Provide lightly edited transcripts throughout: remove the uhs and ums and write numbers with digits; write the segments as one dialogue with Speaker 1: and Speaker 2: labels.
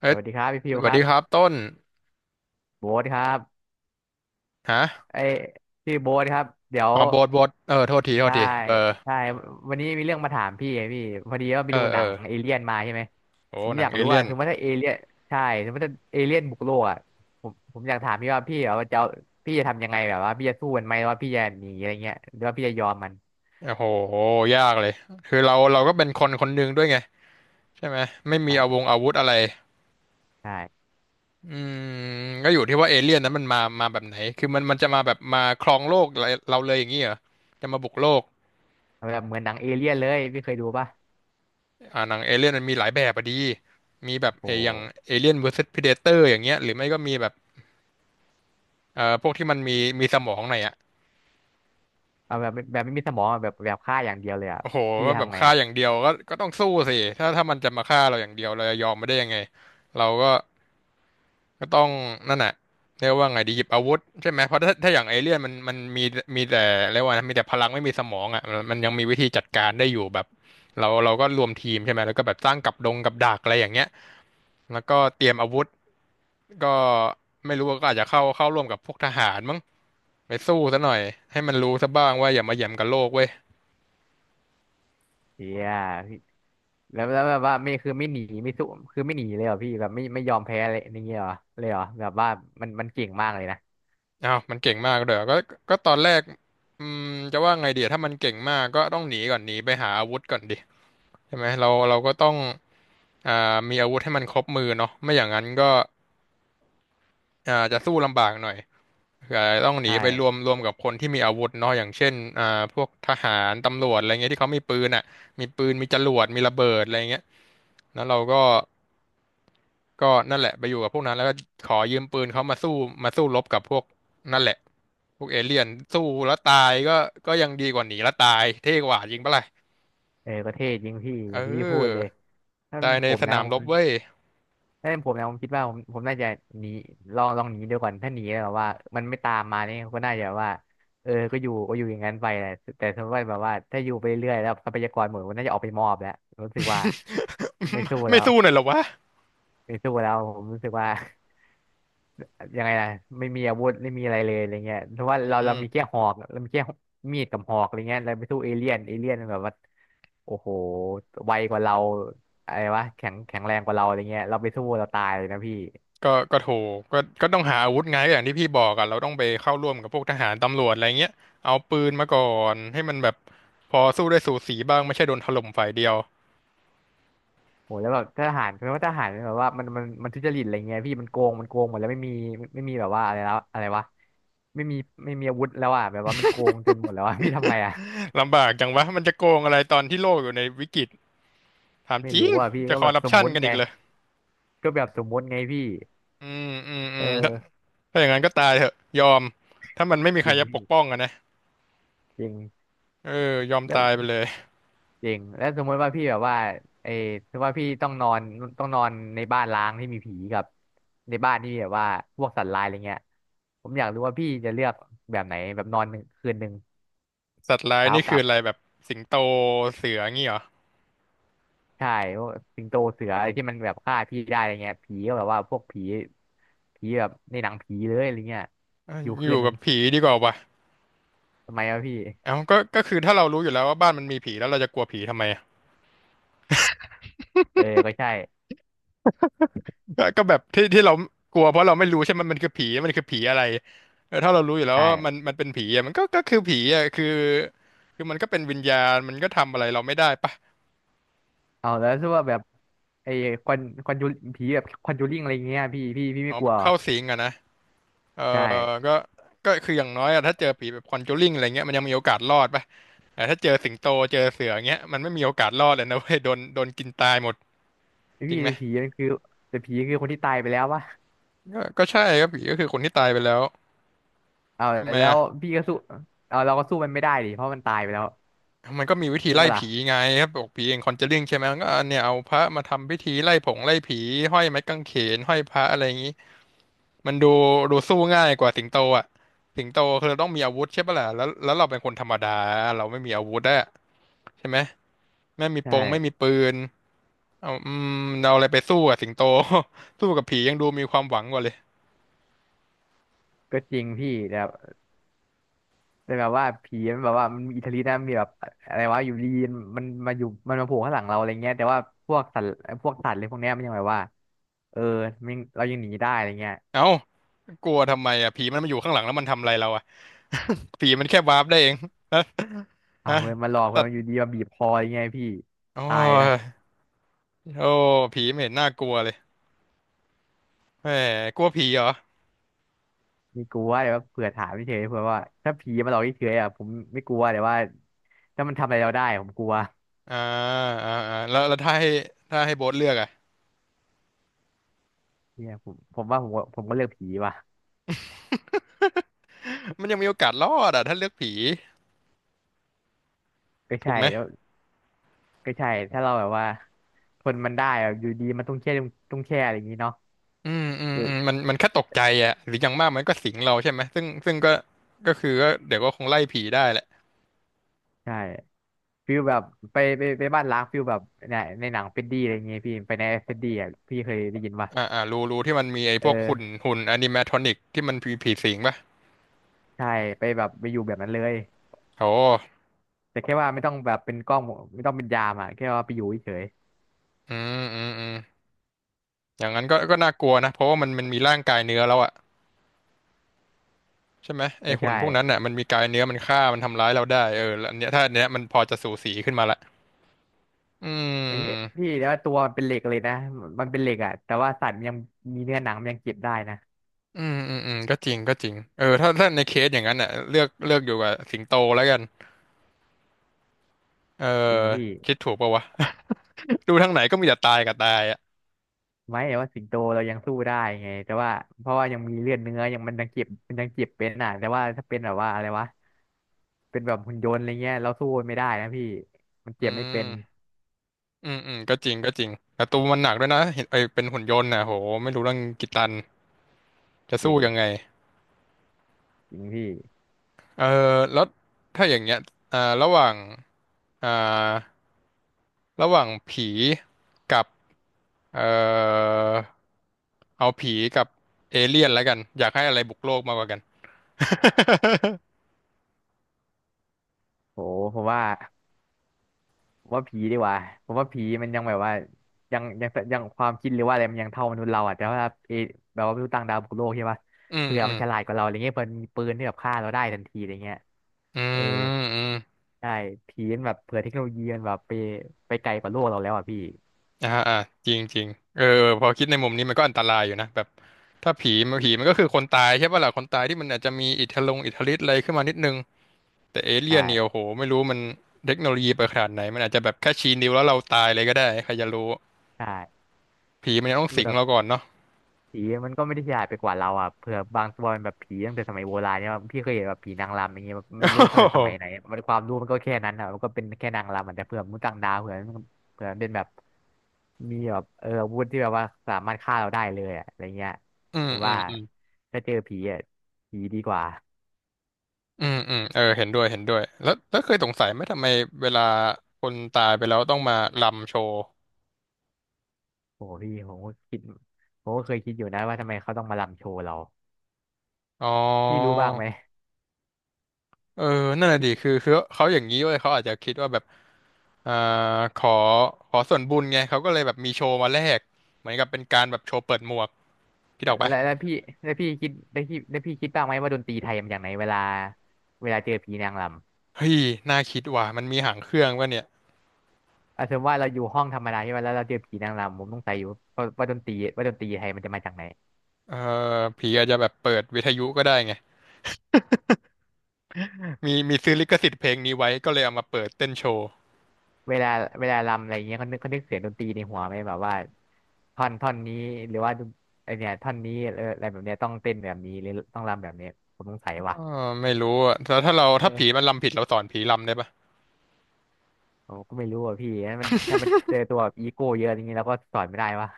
Speaker 1: เอ้
Speaker 2: ส
Speaker 1: ย
Speaker 2: วัสดีครับพี่พิ
Speaker 1: ส
Speaker 2: ว
Speaker 1: วั
Speaker 2: ค
Speaker 1: ส
Speaker 2: รั
Speaker 1: ดี
Speaker 2: บ
Speaker 1: ครับต้น
Speaker 2: โบ๊ทครับ
Speaker 1: ฮะ
Speaker 2: ไอ้ยพี่โบ๊ทครับเดี๋ยว
Speaker 1: อ๋อโบทเออโทษทีโทษ
Speaker 2: ใช่
Speaker 1: ทีเบอร์
Speaker 2: ใช่วันนี้มีเรื่องมาถามพี่ไงพี่พอดีว่าไป
Speaker 1: เอ
Speaker 2: ดู
Speaker 1: อ
Speaker 2: ห
Speaker 1: เอ
Speaker 2: นัง
Speaker 1: อ
Speaker 2: เอเลี่ยนมาใช่ไหม
Speaker 1: โอ้
Speaker 2: ผม
Speaker 1: ห
Speaker 2: อ
Speaker 1: นั
Speaker 2: ยา
Speaker 1: ง
Speaker 2: ก
Speaker 1: เอ
Speaker 2: รู้
Speaker 1: เลี่
Speaker 2: ว่า
Speaker 1: ยน
Speaker 2: สมมติถ้าเอเลี่ยนใช่สมมติถ้าเอเลี่ยนบุกโลกอ่ะผมอยากถามพี่ว่าพี่แบบว่าจะเอาพี่จะทำยังไงแบบว่าพี่จะสู้มันไหมหรือว่าพี่จะหนีอะไรเงี้ยหรือว่าพี่จะยอมมัน
Speaker 1: โอ้โหยากเลยคือเราก็เป็นคนคนหนึ่งด้วยไง ใช่ไหม ไม่มี
Speaker 2: ใช่
Speaker 1: อาวุธอะไร
Speaker 2: ใช่
Speaker 1: อืมก็อยู่ที่ว่าเอเลี่ยนนั้นมันมาแบบไหนคือมันจะมาแบบมาครองโลกเราเลยอย่างนี้เหรอจะมาบุกโลก
Speaker 2: แบบเหมือนหนังเอเลี่ยนเลยพี่เคยดูป่ะ
Speaker 1: หนังเอเลี่ยนมันมีหลายแบบอะดี มีแบบ
Speaker 2: โอ้โห
Speaker 1: เอออย่างเอเลี่ยน vs Predator อย่างเงี้ยหรือไม่ก็มีแบบพวกที่มันมีมีสมองหน่อยอะ
Speaker 2: เอาแบบแบบไม่มีสมองอะแบบแบบฆ่าอย่างเดียวเลยอ่ะ
Speaker 1: โอ้โห
Speaker 2: พี่
Speaker 1: ว่าแบบ
Speaker 2: ทำไง
Speaker 1: ฆ่า
Speaker 2: อ่ะ
Speaker 1: อย่างเดียวก็ต้องสู้สิถ้ามันจะมาฆ่าเราอย่างเดียวเราจะยอมไม่ได้ยังไงเราก็ก็ต้องนั่นแหละเรียกว่าไงดีหยิบอาวุธใช่ไหมเพราะถ้าอย่างเอเลี่ยนมันมีมีแต่เรียกว่านะมีแต่พลังไม่มีสมองอ่ะมันยังมีวิธีจัดการได้อยู่แบบเราก็รวมทีมใช่ไหมแล้วก็แบบสร้างกับดักอะไรอย่างเงี้ยแล้วก็เตรียมอาวุธก็ไม่รู้ว่าก็อาจจะเข้าร่วมกับพวกทหารมั้งไปสู้ซะหน่อยให้มันรู้ซะบ้างว่าอย่ามาเหยี่ยมกับโลกเว้ย
Speaker 2: เฮีย แล้วแบบว่าไม่คือไม่หนีไม่สู้คือไม่หนีเลยเหรอพี่แบบไม่ยอมแพ้เลยอย่างเงี้ยเหรอเลยเหรอแบบว่ามันเก่งมากเลยนะ
Speaker 1: อ้าวมันเก่งมากเลยเหรอก็ก็ตอนแรกอืมจะว่าไงดีอะถ้ามันเก่งมากก็ต้องหนีก่อนหนีไปหาอาวุธก่อนดิใช่ไหมเราก็ต้องอ่ามีอาวุธให้มันครบมือเนาะไม่อย่างนั้นก็จะสู้ลำบากหน่อยอาจจะต้องหนี
Speaker 2: ใช
Speaker 1: ไปรวม
Speaker 2: ่
Speaker 1: รวมกับคนที่มีอาวุธเนาะอย่างเช่นพวกทหารตำรวจอะไรเงี้ยที่เขามีปืนอ่ะมีปืนมีจรวดมีระเบิดอะไรเงี้ยแล้วเราก็ ก็นั่นแหละไปอยู่กับพวกนั้นแล้วก็ขอยืมปืนเขามาสู้มาสู้รบกับพวกนั่นแหละพวกเอเลี่ยนสู้แล้วตายก็ก็ยังดีกว่าหนีแล้วตายเท่กว่าจริงปะล่ะ
Speaker 2: เออก็เท่จริงพี่
Speaker 1: เ
Speaker 2: อย่างที่พี่พูดเลย
Speaker 1: ออ
Speaker 2: ถ้าเป็
Speaker 1: ตา
Speaker 2: น
Speaker 1: ยใน
Speaker 2: ผม
Speaker 1: ส
Speaker 2: นะ
Speaker 1: นาม
Speaker 2: ผ
Speaker 1: ร
Speaker 2: ม
Speaker 1: บเว้ย
Speaker 2: ถ้าเป็นผมนะผมคิดว่าผมน่าจะหนีลองหนีดูก่อนถ้าหนีแล้วแบบว่ามันไม่ตามมาเนี่ยก็น่าจะว่าเออก็อยู่ก็อยู่อย่างนั้นไปแหละแต่สมมติว่าแบบว่าถ้าอยู่ไปเรื่อยๆแล้วทรัพยากรหมดก็น่าจะออกไปมอบแล้วรู้สึกว่าไม่สู้ แล้
Speaker 1: ไม่
Speaker 2: ว
Speaker 1: สู้หน่อยเหรอวะ
Speaker 2: ไม่สู้แล้วผมรู้สึกว่า ยังไงล่ะไม่มีอาวุธไม่มีอะไรเลยอะไรเงี้ยเพราะว่า
Speaker 1: อื
Speaker 2: เรา
Speaker 1: ม
Speaker 2: มีแค่หอกเรามีแค่มีดกับหอกอะไรเงี้ยเราไปสู้เอเลี่ยนเอเลี่ยนมันแบบว่าโอ้โหไวกว่าเราอะไรวะแข็งแข็งแรงกว่าเราอะไรเงี้ยเราไปสู้เราตายเลยนะพี่
Speaker 1: ก็ถูกก็ต้องหาอาวุธไงอย่างที่พี่บอกอะเราต้องไปเข้าร่วมกับพวกทหารตำรวจอะไรเงี้ยเอาปืนมาก่อนให้มันแบบพอสู้ได้สูสีบ้างไม่ใช่โดนถล่มฝ่ายเดียว
Speaker 2: โอ้แล้วแบบทหารเพราะว่าทหารมันแบบว่ามันทุจริตอะไรเงี้ยพี่มันโกงมันโกงหมดแล้วไม่มีไม่มีแบบว่าอะไรแล้วอะไรวะไม่มีไม่มีอาวุธแล้วอ่ะแบบว่ามันโกงจนหมดแล้วอ่ะ พี่ทำไงอ่ะ
Speaker 1: ลำบากจังวะมันจะโกงอะไรตอนที่โลกอยู่ในวิกฤตถาม
Speaker 2: ไม่
Speaker 1: จริ
Speaker 2: รู้
Speaker 1: ง
Speaker 2: อ่ะพี่
Speaker 1: จะ
Speaker 2: ก็
Speaker 1: ค
Speaker 2: แบ
Speaker 1: อ
Speaker 2: บ
Speaker 1: ร์รั
Speaker 2: ส
Speaker 1: ป
Speaker 2: ม
Speaker 1: ชัน
Speaker 2: มุติ
Speaker 1: กัน
Speaker 2: ไง
Speaker 1: อีกเลย
Speaker 2: ก็แบบสมมุติไงพี่
Speaker 1: อืมอืมอื
Speaker 2: เอ
Speaker 1: มถ้า
Speaker 2: อ
Speaker 1: ถ้าอย่างนั้นก็ตายเถอะยอมถ้ามันไม่มี
Speaker 2: จ
Speaker 1: ใคร
Speaker 2: ริง
Speaker 1: จะปก
Speaker 2: พี่
Speaker 1: ป้องอะนะ
Speaker 2: จริง
Speaker 1: เออยอม
Speaker 2: แล้
Speaker 1: ตายไป
Speaker 2: ว
Speaker 1: เลย
Speaker 2: จริงแล้วสมมติว่าพี่แบบว่าไอ้สมมติว่าพี่ต้องนอนต้องนอนในบ้านร้างที่มีผีกับในบ้านที่แบบว่าพวกสัตว์ร้ายอะไรเงี้ยผมอยากรู้ว่าพี่จะเลือกแบบไหนแบบนอนหนึ่งคืนหนึ่ง
Speaker 1: สัตว์ร้าย
Speaker 2: เช้า
Speaker 1: นี่
Speaker 2: ก
Speaker 1: คื
Speaker 2: ลั
Speaker 1: อ
Speaker 2: บ
Speaker 1: อะไรแบบสิงโตเสืองี้เหรอ
Speaker 2: ใช่พวกสิงโตเสืออะไรที่มันแบบฆ่าพี่ได้อะไรเงี้ยผีก็แบบว่าพวกผีผีแบบในหนังผีเลยอะไรเงี้ย
Speaker 1: เอ้ย
Speaker 2: อยู่
Speaker 1: อ
Speaker 2: คืน
Speaker 1: ยู่
Speaker 2: หนึ่
Speaker 1: กั
Speaker 2: ง
Speaker 1: บผีดีกว่าว่ะ
Speaker 2: ทำไมวะพี่
Speaker 1: เอ้าก็คือถ้าเรารู้อยู่แล้วว่าบ้านมันมีผีแล้วเราจะกลัวผีทำไมอะ
Speaker 2: เออก็ใช่
Speaker 1: ก็แบบที่เรากลัวเพราะเราไม่รู้ใช่ไหมมันคือผีมันคือผีอะไรเออถ้าเรารู้อยู่แล้วว่ามัน
Speaker 2: ใช่
Speaker 1: มันเป็นผีอะมันก็คือผีอะคือคือมันก็เป็นวิญญาณมันก็ทำอะไรเราไม่ได้ปะ
Speaker 2: เอาแล้วถ้าว่าแบบไอ้ควันควันยูผีแบบควันจูริงอะไรเงี้ยพี่
Speaker 1: อ๋
Speaker 2: ไม่
Speaker 1: อ
Speaker 2: ก
Speaker 1: แบ
Speaker 2: ลัว
Speaker 1: บ
Speaker 2: เหรอ
Speaker 1: เข้าสิงอะนะ เออ
Speaker 2: ใช่
Speaker 1: ก็ก็คืออย่างน้อยอะถ้าเจอผีแบบคอนจูริงอะไรเงี้ยมันยังมีโอกาสรอดปะแต่ถ้าเจอสิงโตเจอเสือเงี้ยมันไม่มีโอกาสรอดเลยนะเว้ยโดนกินตายหมดจริ
Speaker 2: พี่
Speaker 1: งไหม
Speaker 2: แต่ผีมันคือแต่ผีคือคนที่ตายไปแล้ววะ
Speaker 1: ก็ใช่ครับผีก็คือคนที่ตายไปแล้ว
Speaker 2: เอา
Speaker 1: ทำไม
Speaker 2: แล้
Speaker 1: อ่ะ
Speaker 2: วพี่ก็สู้เอาเราก็สู้มันไม่ได้ดิเพราะมันตายไปแล้ว
Speaker 1: มันก็มีวิธี
Speaker 2: ใช่
Speaker 1: ไล่
Speaker 2: ปะล่ะ
Speaker 1: ผีไงครับบอกผีเองคอนจูริงใช่ไหมมันก็เนี่ยเอาพระมาทำพิธีไล่ผงไล่ผีห้อยไม้กางเขนห้อยพระอะไรอย่างงี้มันดูดูสู้ง่ายกว่าสิงโตอ่ะสิงโตคือเราต้องมีอาวุธใช่ปะล่ะแล้วแล้วเราเป็นคนธรรมดาเราไม่มีอาวุธอะใช่ไหม
Speaker 2: ใช่
Speaker 1: ไม่มีปืน เอาเอาอะไรไปสู้กับสิงโต สู้กับผียังดูมีความหวังกว่าเลย
Speaker 2: ก็จริงพี่แต่แต่แบบว่าผีมันแบบว่ามันมีอิทธิฤทธิ์นะมีแบบอะไรวะอยู่ดีมันมาอยู่มันมาโผล่ข้างหลังเราอะไรเงี้ยแต่ว่าพวกสัตว์พวกสัตว์เลยพวกเนี้ยมันยังแบบว่าเออมันเรายังหนีได้อะไรเงี้ย
Speaker 1: เอ้ากลัวทำไมอ่ะผีมันมาอยู่ข้างหลังแล้วมันทำอะไรเราอ่ะ ผีมันแค่วาร์ปได้เอง ฮะ
Speaker 2: เอา
Speaker 1: ฮะ
Speaker 2: เว้ยมันหลอกเว้
Speaker 1: สั
Speaker 2: ย
Speaker 1: ต
Speaker 2: มัน
Speaker 1: ว์
Speaker 2: อยู่ดีมาบีบคออะไรเงี้ยพี่
Speaker 1: โอ้
Speaker 2: ตายนะ
Speaker 1: ยโอ้ผีไม่เห็นน่ากลัวเลยแหมกลัวผีเหรอ
Speaker 2: มีกลัวแต่ว่าเผื่อถามเฉยๆเผื่อว่าถ้าผีมาหลอกเฉยๆอ่ะผมไม่กลัวแต่ว่าถ้ามันทำอะไรเราได้ผมกลัว
Speaker 1: อ่าอ่าแล้วแล้วถ้าให้ถ้าให้โบ๊ทเลือกอ่ะ
Speaker 2: เนี่ยผมว่าผมก็ผมก็เลือกผีว่ะ
Speaker 1: มันยังมีโอกาสรอดอ่ะถ้าเลือกผี
Speaker 2: ก็
Speaker 1: ถูก
Speaker 2: ใช่
Speaker 1: ไหม
Speaker 2: แล้วก็ใช่ถ้าเราแบบว่าทนมันได้อะอยู่ดีมันต้องแช่ต้องแช่อะไรอย่างนี้เนาะ
Speaker 1: อืมอืม
Speaker 2: เออ
Speaker 1: อืมมันแค่ตกใจอ่ะหรืออย่างมากมันก็สิงเราใช่ไหมซึ่งก็ก็คือก็เดี๋ยวก็คงไล่ผีได้แหละ
Speaker 2: ใช่ฟิลแบบไปไปไปบ้านล้างฟิลแบบในในหนังเฟรดดี้อะไรอย่างเงี้ยพี่ไปในเฟรดดี้อ่ะพี่เคยได้ยินป่ะ
Speaker 1: รูที่มันมีไอ้
Speaker 2: เอ
Speaker 1: พวกหุ่น
Speaker 2: อ
Speaker 1: หุ่นอนิเมทรอนิกที่มันผีสิงป่ะ
Speaker 2: ใช่ไปแบบไปอยู่แบบนั้นเลย
Speaker 1: โอ้
Speaker 2: แต่แค่ว่าไม่ต้องแบบเป็นกล้องไม่ต้องเป็นยามอ่ะแค่ว่าไปอยู่เฉย
Speaker 1: อืมอืมอืมอย่างนั้นก็น่ากลัวนะเพราะว่ามันมีร่างกายเนื้อแล้วอะใช่ไหม
Speaker 2: ๆ
Speaker 1: ไอ้
Speaker 2: ก็
Speaker 1: หุ่น
Speaker 2: ใช่
Speaker 1: พวกนั้นน่ะมันมีกายเนื้อมันฆ่ามันทำร้ายเราได้เออแล้วอันเนี้ยถ้าอันเนี้ยมันพอจะสูสีขึ้นมาละอื
Speaker 2: ไอ้เหี้ย
Speaker 1: ม
Speaker 2: พี่แต่ว่าตัวมันเป็นเหล็กเลยนะมันเป็นเหล็กอ่ะแต่ว่าสัตว์มันยังมีเนื้อหนังมันยังเก็บได้นะ
Speaker 1: อืมก็จริงก็จริงเออถ้าในเคสอย่างนั้นน่ะเลือกอยู่กับสิงโตแล้วกันเออ
Speaker 2: จริงพี่
Speaker 1: คิดถูกปะวะ ดูทางไหนก็มีแต่ตายกับตายอะ
Speaker 2: ไม่แต่ว่าสิงโตเรายังสู้ได้ไงแต่ว่าเพราะว่ายังมีเลือดเนื้อยังมันยังเก็บมันยังเก็บเป็นอ่ะแต่ว่าถ้าเป็นแบบว่าอะไรวะเป็นแบบหุ่นยนต์อะไรเงี้ยเราสู้ไม่ได้นะพี่มัน
Speaker 1: อื
Speaker 2: เจ็บไม่เป็น
Speaker 1: ม อืมอืมก็จริงก็จริงแต่ตัวมันหนักด้วยนะเห็นไอเป็นหุ่นยนต์นะโหไม่รู้เรื่องกี่ตันจะ
Speaker 2: จริ
Speaker 1: สู้
Speaker 2: ง
Speaker 1: ยังไง
Speaker 2: จริงพี่
Speaker 1: เออแล้วถ้าอย่างเงี้ยระหว่างอ่าระหว่างผีกับเอ่อเอาผีกับเอเลี่ยนแล้วกันอยากให้อะไรบุกโลกมากกว่ากัน
Speaker 2: โหผมว่า ผมว่าผีดีกว่าผมว่าผีมันยังแบบว่ายังความคิดหรือว่าอะไรมันยังเท่ามนุษย์เราอ่ะแต่ว่าเอแบบว่าไม่รู้ต่างดาวบุกโลกใช่ปะ
Speaker 1: อืม
Speaker 2: เผื่อ
Speaker 1: อืม
Speaker 2: มันฉลาดกว่าเราอะไรเงี้ยเผื่อมันมีปืนที่แบบฆ่าเราได้ทันทีอะไรเงี้ยเออ
Speaker 1: อืม
Speaker 2: ใช่ผีมันแบบเผื่อเทคโนโลยีมันแบบไปไกลกว่าโลกเราแล้วอ่ะพี่
Speaker 1: อ่าอ่าจริงจริงเออเออพอคิดในมุมนี้มันก็อันตรายอยู่นะแบบถ้าผีมันผีมันก็คือคนตายใช่ป่ะล่ะคนตายที่มันอาจจะมีอิทธิลงอิทธิฤทธิ์อะไรขึ้นมานิดนึง แต่เอ
Speaker 2: ใช่
Speaker 1: เลี่ยนเนี่ยโอ้โหไม่รู้มันเทคโนโลยีไปขนาดไหนมันอาจจะแบบแค่ชี้นิ้วแล้วเราตายเลยก็ได้ใครจะรู้
Speaker 2: ใช่
Speaker 1: ผีมันยังต้องสิง
Speaker 2: แบบ
Speaker 1: เราก่อนเนาะ
Speaker 2: ผีมันก็ไม่ได้ฉลาดไปกว่าเราอ่ะเผื่อบางตัวมันแบบผีตั้งแต่สมัยโบราณเนี่ยพี่เคยเห็นแบบผีนางรำอย่างเงี้ยแบบ
Speaker 1: โอ้
Speaker 2: ไม่รู้ตั้งแต่
Speaker 1: โห
Speaker 2: สมัยไหนอะมันความรู้มันก็แค่นั้นอ่ะมันก็เป็นแค่นางรำอะแต่เผื่อมนุษย์ต่างดาวเผื่อมันเป็นแบบมีแบบอาวุธที่แบบว่าสามารถฆ่าเราได้เลยอะอะไรเงี้ย
Speaker 1: อืม
Speaker 2: ผม
Speaker 1: อื
Speaker 2: ว่า
Speaker 1: มอืม
Speaker 2: ถ้าเจอผีอ่ะผีดีกว่า
Speaker 1: เออเห็นด้วยเห็นด้วยแล้วเคยสงสัยไหมทำไมเวลาคนตายไปแล้วต้องมารำโชว์
Speaker 2: โอ้พี่ผมก็คิดผมก็เคยคิดอยู่นะว่าทำไมเขาต้องมาลำโชว์เรา
Speaker 1: อ๋อ
Speaker 2: พี่รู้บ้างไหม
Speaker 1: เออนั่นแหละดิคือเขาอย่างนี้เว้ยเขาอาจจะคิดว่าแบบอ่าขอขอส่วนบุญไงเขาก็เลยแบบมีโชว์มาแลกเหมือนกับเป็นการแบบโชว์เปิดหมวกคิดออกปะ
Speaker 2: แล้วแล้วพี่แล้วพี่คิดแล้วพี่แล้วพี่คิดบ้างไหมว่าดนตรีไทยมันอย่างไหนเวลาเจอผีนางรำ
Speaker 1: เฮ้ยน่าคิดว่ะมันมีหางเครื่องวะเนี่ย
Speaker 2: อ่ะสมมติว่าเราอยู่ห้องธรรมดาใช่ไหมแล้วเราเจอผีนางรำผมต้องใจอยู่ว่าดนตรีไทยมันจะมาจากไหน
Speaker 1: เออผีอาจจะแบบเปิดวิทยุก็ได้ไง มีซื้อลิขสิทธิ์เพลงนี้ไว้ก็เลยเอามาเปิดเต้นโชว์
Speaker 2: เวลาเวลารำอะไรเงี้ยเขานึกเสียงดนตรีในหัวไหมแบบว่าท่อนนี้หรือว่าไอเนี่ยท่อนนี้อะไรแบบเนี้ยต้องเต้นแบบนี้หรือต้องรำแบบเนี้ยผมสงสัย
Speaker 1: เอ
Speaker 2: ว่ะ
Speaker 1: อไม่รู้อะแล้วถ้าเราถ้าผี
Speaker 2: เออ
Speaker 1: มันรำผิดเราสอนผีรำได้ปะ
Speaker 2: ผมก็ไม่รู้อ่ะพี่ถ้ามันเจอตัวอีโก้เยอะอย่างงี้เราก็สอนไม่ได้วะ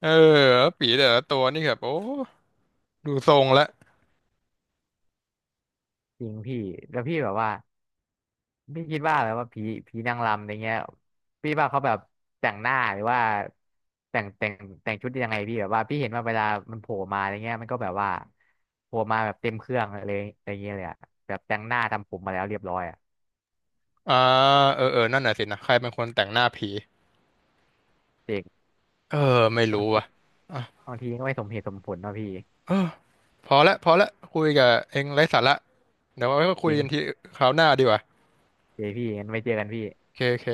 Speaker 1: เออผีแต่ละตัวนี่แบบโอ้ดูทรงแล้ว
Speaker 2: จริงพี่แล้วพี่แบบว่า พี่คิดว่าแบบว่าผีนางรำอะไรเงี้ยพี่ว่าเขาแบบแต่งหน้าหรือว่าแต่งแต่งแต่งชุดยังไงพี่แบบว่าพี่เห็นว่าเวลามันโผล่มาอะไรเงี้ยมันก็แบบว่าโผล่มาแบบเต็มเครื่องเลยอะไรเงี้ยเลยอะแบบแต่งหน้าทำผมมาแล้วเรียบร้อยอะ
Speaker 1: อ่าเออเออนั่นน่ะสินะใครเป็นคนแต่งหน้าผี
Speaker 2: เจริง
Speaker 1: เออไม่
Speaker 2: บาง
Speaker 1: รู้
Speaker 2: ที
Speaker 1: ว่ะอ่ะ
Speaker 2: บางทีก็ไม่สมเหตุสมผลเนาะพี่
Speaker 1: เออพอละพอละคุยกับเองไร้สาระเดี๋ยวไว้
Speaker 2: จ
Speaker 1: คุย
Speaker 2: ริง
Speaker 1: กันทีคราวหน้าดีกว่า
Speaker 2: เจพี่งั้นไว้เจอกันพี่
Speaker 1: โอเคโอเค